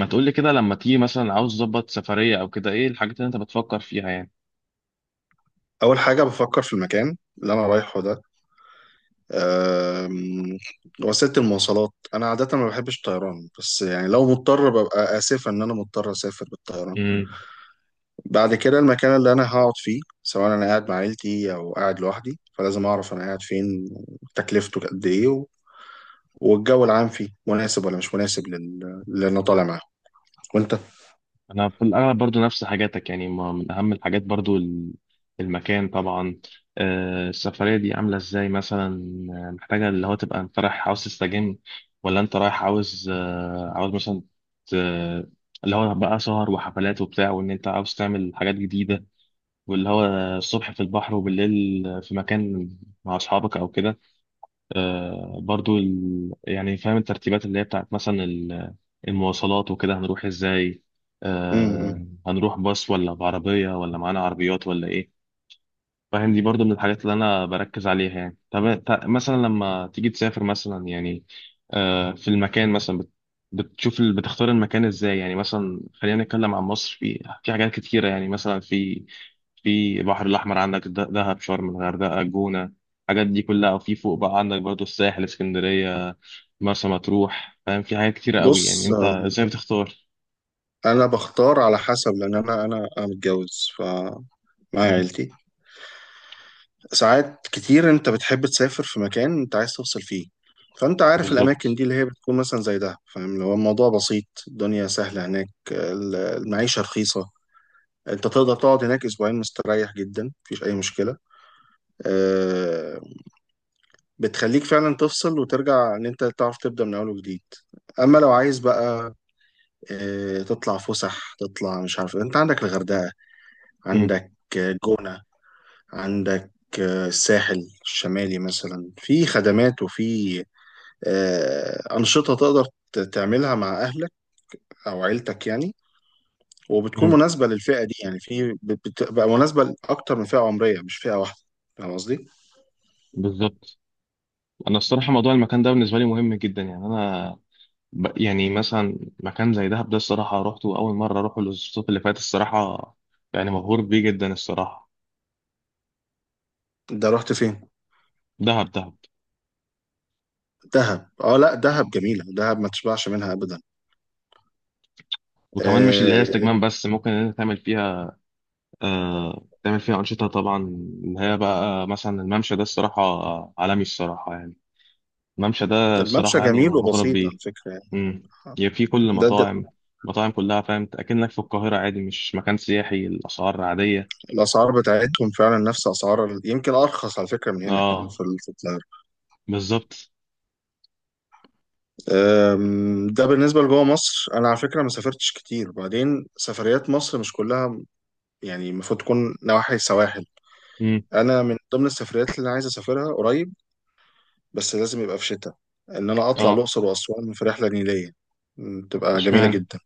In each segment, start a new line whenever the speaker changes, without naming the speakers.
ما تقولي كده لما تيجي مثلا عاوز تظبط سفرية أو كده إيه الحاجات اللي أنت بتفكر فيها يعني؟
أول حاجة بفكر في المكان اللي أنا رايحه ده. أم، وسيلة المواصلات، أنا عادة ما بحبش الطيران، بس يعني لو مضطر ببقى آسف إن أنا مضطر أسافر بالطيران.
امم.
بعد كده المكان اللي أنا هقعد فيه، سواء أنا قاعد مع عيلتي أو قاعد لوحدي، فلازم أعرف أنا قاعد فين، تكلفته قد إيه، والجو العام فيه مناسب ولا مش مناسب للي أنا طالع معاه. وأنت؟
أنا في الأغلب برضو نفس حاجاتك، يعني ما من أهم الحاجات برضو المكان طبعا. السفرية دي عاملة إزاي مثلا؟ محتاجة اللي هو تبقى أنت رايح عاوز تستجم، ولا أنت رايح عاوز عاوز مثلا ت- اللي هو بقى سهر وحفلات وبتاع، وإن أنت عاوز تعمل حاجات جديدة، واللي هو الصبح في البحر وبالليل في مكان مع أصحابك أو كده. برضو يعني فاهم الترتيبات اللي هي بتاعت مثلا المواصلات، وكده هنروح ازاي؟
م- م.
هنروح باص ولا بعربية، ولا معانا عربيات ولا ايه؟ فاهم، دي برضو من الحاجات اللي انا بركز عليها يعني. طب مثلا لما تيجي تسافر مثلا يعني، في المكان مثلا بتشوف بتختار المكان ازاي يعني؟ مثلا خلينا نتكلم عن مصر، في حاجات كتيرة يعني، مثلا في، في البحر الاحمر عندك دهب، شرم، الغردقة، الجونة، الحاجات دي كلها، وفي فوق بقى عندك برضو الساحل، اسكندرية، مرسى مطروح. فاهم، في حاجات كتيرة قوي، يعني
بص،
انت ازاي بتختار؟
أنا بختار على حسب، لأن أنا متجوز فمعايا
مم.
عيلتي. ساعات كتير انت بتحب تسافر في مكان انت عايز توصل فيه، فانت عارف الاماكن
بالظبط.
دي اللي هي بتكون مثلا زي ده. فاهم، اللي هو الموضوع بسيط، الدنيا سهلة هناك، المعيشة رخيصة، انت تقدر تقعد هناك اسبوعين مستريح جدا، مفيش اي مشكلة. آه، بتخليك فعلا تفصل وترجع ان انت تعرف تبدأ من اول وجديد. اما لو عايز بقى تطلع فسح، تطلع مش عارف، انت عندك الغردقة،
مم.
عندك جونة، عندك الساحل الشمالي مثلا، في خدمات وفي أنشطة تقدر تعملها مع أهلك أو عيلتك يعني، وبتكون
مم.
مناسبة للفئة دي، يعني في بتبقى مناسبة لأكتر من فئة عمرية، مش فئة واحدة. فاهم قصدي؟
بالظبط. انا الصراحه موضوع المكان ده بالنسبه لي مهم جدا، يعني انا يعني مثلا مكان زي دهب ده، الصراحه روحته اول مره اروحه الصيف اللي فات، الصراحه يعني مبهور بيه جدا الصراحه.
ده رحت فين؟
دهب، دهب.
دهب، اه، لا، دهب جميلة، دهب ما تشبعش منها أبدا.
وكمان مش اللي هي
آه،
استجمام بس، ممكن ان انت تعمل فيها تعمل فيها انشطه طبعا، اللي هي بقى مثلا الممشى ده الصراحه عالمي، الصراحه يعني. الممشى ده الصراحه
الممشى
يعني
جميل
انا مغرم
وبسيط على
بيه.
فكرة يعني.
امم. يعني في كل
ده.
المطاعم، المطاعم كلها فاهم، اكنك في القاهره عادي، مش مكان سياحي، الاسعار عاديه.
الأسعار بتاعتهم فعلا نفس أسعار يمكن أرخص على فكرة من هنا كمان
اه
في القاهرة.
بالظبط.
ده بالنسبة لجوه مصر، أنا على فكرة ما سافرتش كتير، وبعدين سفريات مصر مش كلها يعني، المفروض تكون نواحي السواحل.
امم.
انا من ضمن السفريات اللي عايز اسافرها قريب، بس لازم يبقى في شتاء، ان انا اطلع
اه.
الاقصر واسوان في رحله نيليه. تبقى جميله
اشمعنى؟
جدا.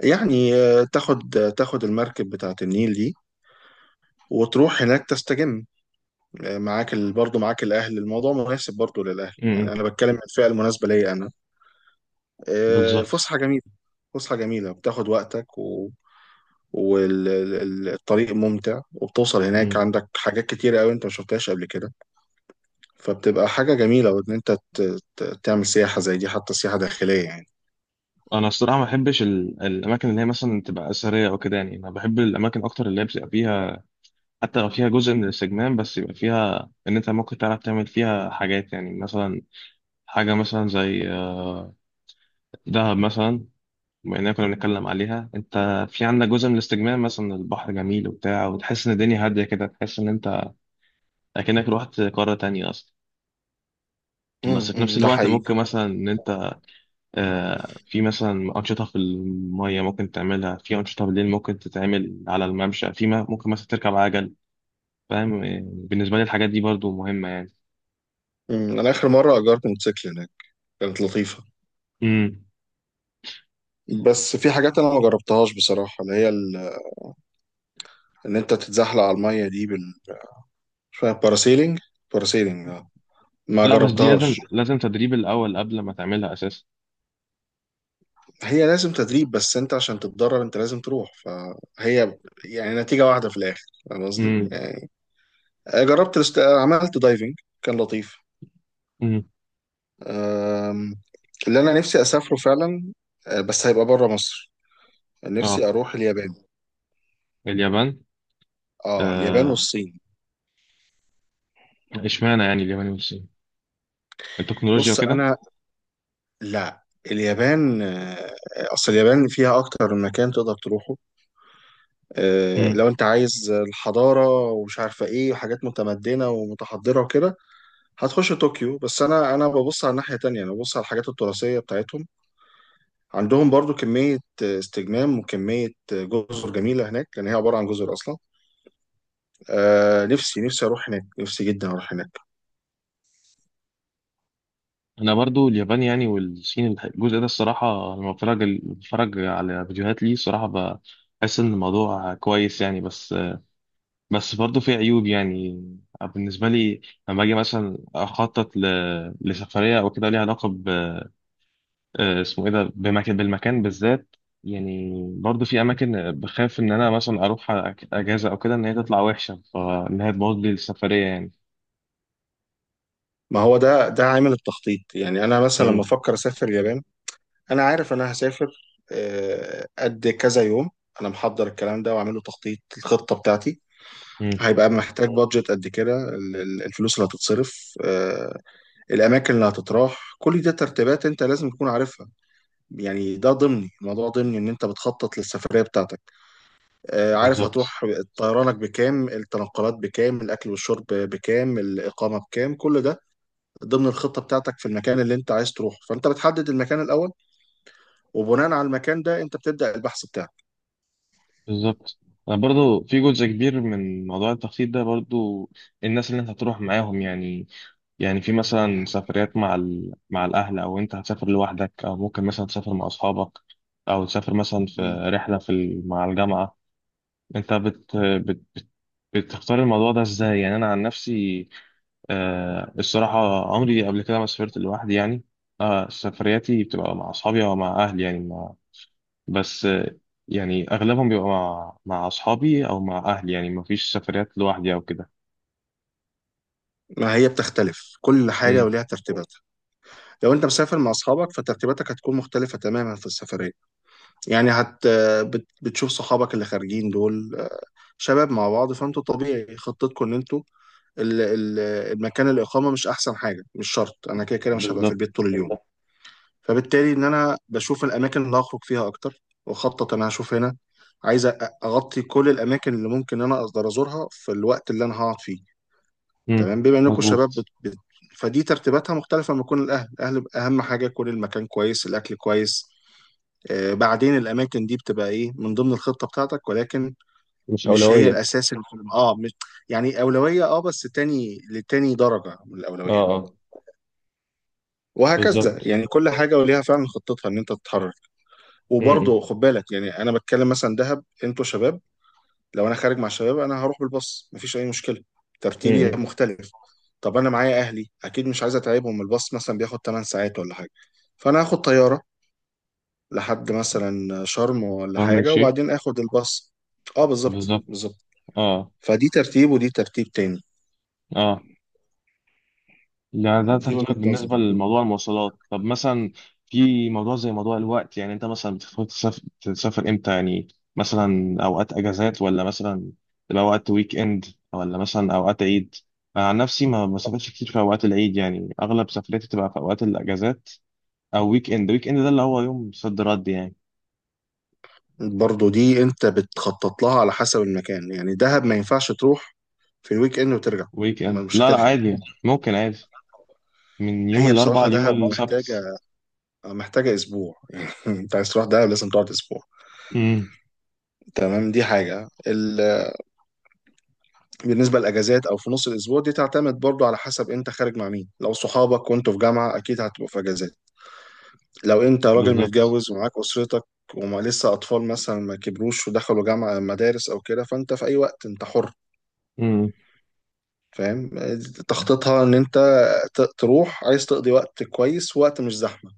يعني تاخد المركب بتاعه النيل دي وتروح هناك تستجم. معاك برضه معاك الاهل، الموضوع مناسب برضه للاهل. يعني
امم.
انا بتكلم عن الفئه المناسبه ليا انا.
بالظبط.
فسحه جميله. فسحه جميله بتاخد وقتك والطريق ممتع، وبتوصل هناك
امم.
عندك حاجات كتيرة أوي أنت ما شفتهاش قبل كده، فبتبقى حاجة جميلة، وإن أنت تعمل سياحة زي دي، حتى سياحة داخلية يعني.
انا الصراحه ما بحبش الاماكن اللي هي مثلا تبقى اثريه او كده، يعني انا بحب الاماكن اكتر اللي هي بتبقى فيها، حتى لو فيها جزء من الاستجمام بس يبقى فيها ان انت ممكن تعرف تعمل فيها حاجات يعني. مثلا حاجه مثلا زي دهب مثلا، بما اننا كنا بنتكلم عليها. انت في عندك جزء من الاستجمام، مثلا البحر جميل وبتاع، وتحس ان الدنيا هاديه كده، تحس ان انت اكنك روحت قاره تانية اصلا. بس في نفس
أمم، ده
الوقت
حقيقي.
ممكن مثلا ان انت في مثلا أنشطة في المية ممكن تعملها، في أنشطة بالليل ممكن تتعمل على الممشى، في ما ممكن مثلا تركب عجل. فاهم، بالنسبة لي الحاجات دي برضو مهمة يعني.
أنا آخر مرة أجرت موتوسيكل هناك، كانت لطيفة.
امم.
بس في حاجات أنا ما جربتهاش بصراحة، اللي هي إن أنت تتزحلق على المية دي شوية باراسيلينج. باراسيلينج، آه. ما
لا، بس دي لازم
جربتهاش.
لازم تدريب الأول قبل ما تعملها أساسا.
هي لازم تدريب، بس أنت عشان تتدرب أنت لازم تروح، فهي يعني نتيجة واحدة في الآخر. فاهم قصدي؟
امم.
يعني عملت دايفنج، كان لطيف.
امم.
أم، اللي انا نفسي اسافره فعلا بس هيبقى بره مصر.
اه،
نفسي اروح اليابان.
اليابان.
اه اليابان
آه،
والصين.
اشمعنى يعني اليابان والصين؟ التكنولوجيا
بص
وكده؟
انا، لا، اليابان. اصل اليابان فيها اكتر من مكان تقدر تروحه.
امم.
لو انت عايز الحضاره ومش عارفه ايه وحاجات متمدنه ومتحضره وكده هتخش طوكيو، بس انا ببص على الناحيه تانية، انا ببص على الحاجات التراثيه بتاعتهم، عندهم برضو كميه استجمام وكميه جزر جميله هناك لان هي عباره عن جزر اصلا. نفسي اروح هناك، نفسي جدا اروح هناك.
انا برضو اليابان يعني والصين الجزء ده الصراحه، لما بتفرج على فيديوهات ليه الصراحه، بحس ان الموضوع كويس يعني. بس، بس برضه في عيوب يعني، بالنسبة لي، لما أجي مثلا أخطط لسفرية أو كده ليها علاقة اسمه إيه ده بالمكان بالذات يعني. برضه في أماكن بخاف إن أنا مثلا أروح أجازة أو كده إن هي تطلع وحشة، فإن هي تبوظ لي السفرية يعني.
ما هو ده عامل التخطيط. يعني انا مثلا لما
مم.
افكر اسافر اليابان، انا عارف انا هسافر قد كذا يوم. انا محضر الكلام ده وعامله تخطيط الخطه بتاعتي.
مم.
هيبقى محتاج بادجت قد كده، الفلوس اللي هتتصرف، الاماكن اللي هتتراح، كل دي ترتيبات انت لازم تكون عارفها، يعني ده ضمني، الموضوع ضمني ان انت بتخطط للسفريه بتاعتك. عارف
بالظبط.
هتروح. طيرانك بكام، التنقلات بكام، الأكل والشرب بكام، الإقامة بكام، كل ده ضمن الخطة بتاعتك في المكان اللي أنت عايز تروحه، فأنت بتحدد المكان الأول، وبناء على المكان ده أنت بتبدأ البحث بتاعك.
بالظبط. أنا برضه في جزء كبير من موضوع التخطيط ده برضه الناس اللي أنت هتروح معاهم يعني. يعني في مثلا سفريات مع مع الأهل، أو أنت هتسافر لوحدك، أو ممكن مثلا تسافر مع أصحابك، أو تسافر مثلا في
مم.
رحلة في مع الجامعة. أنت بتختار الموضوع ده إزاي يعني؟ أنا عن نفسي آه الصراحة عمري قبل كده ما سافرت لوحدي يعني. آه سفرياتي بتبقى مع أصحابي أو مع أهلي يعني بس آه يعني أغلبهم بيبقى مع أصحابي أو مع أهلي يعني، مفيش سفريات لوحدي أو كده.
ما هي بتختلف، كل
مم.
حاجة وليها ترتيباتها. لو أنت مسافر مع أصحابك فترتيباتك هتكون مختلفة تماما في السفرية. يعني بتشوف صحابك اللي خارجين دول شباب مع بعض، فأنتوا طبيعي خطتكم إن أنتوا ال- ال- المكان، الإقامة مش أحسن حاجة، مش شرط، أنا كده كده مش هبقى في
بالظبط.
البيت طول اليوم، فبالتالي ان انا بشوف الاماكن اللي هخرج فيها اكتر واخطط، انا هشوف هنا عايز اغطي كل الاماكن اللي ممكن ان انا اقدر ازورها في الوقت اللي انا هقعد فيه.
مم.
تمام، بما انكم تمام شباب
مظبوط.
فدي ترتيباتها مختلفه. لما يكون الاهل بيبقى اهم حاجه يكون المكان كويس، الاكل كويس، بعدين الاماكن دي بتبقى ايه من ضمن الخطه بتاعتك، ولكن
مش
مش هي
أولوية.
الاساس اللي في مش، يعني اولويه، بس تاني لتاني درجه من الاولويات.
اه.
وهكذا
بالظبط.
يعني كل حاجه وليها فعلا خطتها ان انت تتحرك.
م-
وبرضه
م-
خد بالك، يعني انا بتكلم مثلا دهب انتوا شباب، لو انا خارج مع شباب انا هروح بالباص، مفيش اي مشكله،
م-
ترتيبي
م.
مختلف. طب انا معايا اهلي، اكيد مش عايز اتعبهم، الباص مثلا بياخد 8 ساعات ولا حاجه، فانا هاخد طياره لحد مثلا شرم ولا
فاهم
حاجه،
الشيء.
وبعدين اخد الباص. اه بالظبط
بالظبط.
بالظبط.
اه.
فدي ترتيب ودي ترتيب تاني.
اه ده
دي وجهة
ترتيبك بالنسبه
نظري.
لموضوع المواصلات. طب مثلا في موضوع زي موضوع الوقت، يعني انت مثلا بتفكر تسافر امتى يعني؟ مثلا اوقات اجازات، ولا مثلا تبقى وقت ويك اند، ولا مثلا اوقات عيد؟ انا عن نفسي ما بسافرش كتير في اوقات العيد، يعني اغلب سفرياتي تبقى في اوقات الاجازات او ويك اند. ويك اند ده اللي هو يوم صد رد يعني.
برضه دي انت بتخطط لها على حسب المكان، يعني دهب ما ينفعش تروح في الويك اند وترجع،
ويك اند،
مش
لا لا عادي
هتلحق.
يعني. ممكن عادي من يوم
هي
الاربعاء
بصراحة
ليوم
دهب محتاجة،
السبت.
محتاجة أسبوع أنت عايز تروح دهب لازم تقعد أسبوع.
امم.
تمام، دي حاجة بالنسبة للأجازات أو في نص الأسبوع، دي تعتمد برضو على حسب أنت خارج مع مين. لو صحابك وأنتوا في جامعة أكيد هتبقوا في أجازات. لو أنت راجل
بالظبط.
متجوز ومعاك أسرتك وما لسه أطفال مثلا ما كبروش ودخلوا جامعة مدارس أو كده، فأنت في أي وقت أنت حر.
امم.
فاهم، تخطيطها إن أنت تروح عايز تقضي وقت كويس، وقت مش زحمة،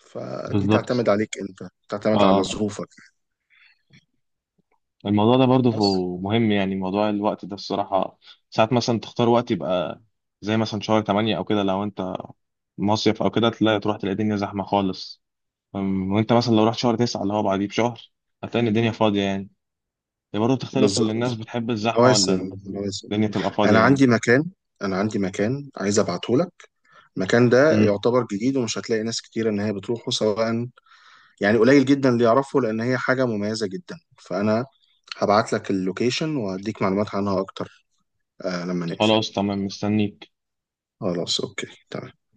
فدي
بالظبط.
تعتمد عليك أنت، تعتمد على
اه.
ظروفك.
الموضوع ده برضه
بس،
مهم يعني، موضوع الوقت ده الصراحة. ساعات مثلا تختار وقت يبقى زي مثلا شهر 8 أو كده، لو أنت مصيف أو كده تلاقي، تروح تلاقي الدنيا زحمة خالص. وأنت مثلا لو رحت شهر 9 اللي هو بعديه بشهر هتلاقي إن الدنيا فاضية يعني. هي برضه بتختلف، اللي
بالظبط،
الناس بتحب الزحمة، ولا
مواسم مواسم.
الدنيا تبقى فاضية
انا
يعني.
عندي مكان انا عندي مكان عايز ابعته لك. المكان ده
امم.
يعتبر جديد ومش هتلاقي ناس كتير ان هي بتروحه سواء، يعني قليل جدا اللي يعرفه لان هي حاجه مميزه جدا، فانا هبعت لك اللوكيشن وهديك معلومات عنها اكتر لما نقفل.
خلاص تمام مستنيك.
خلاص، اوكي، تمام.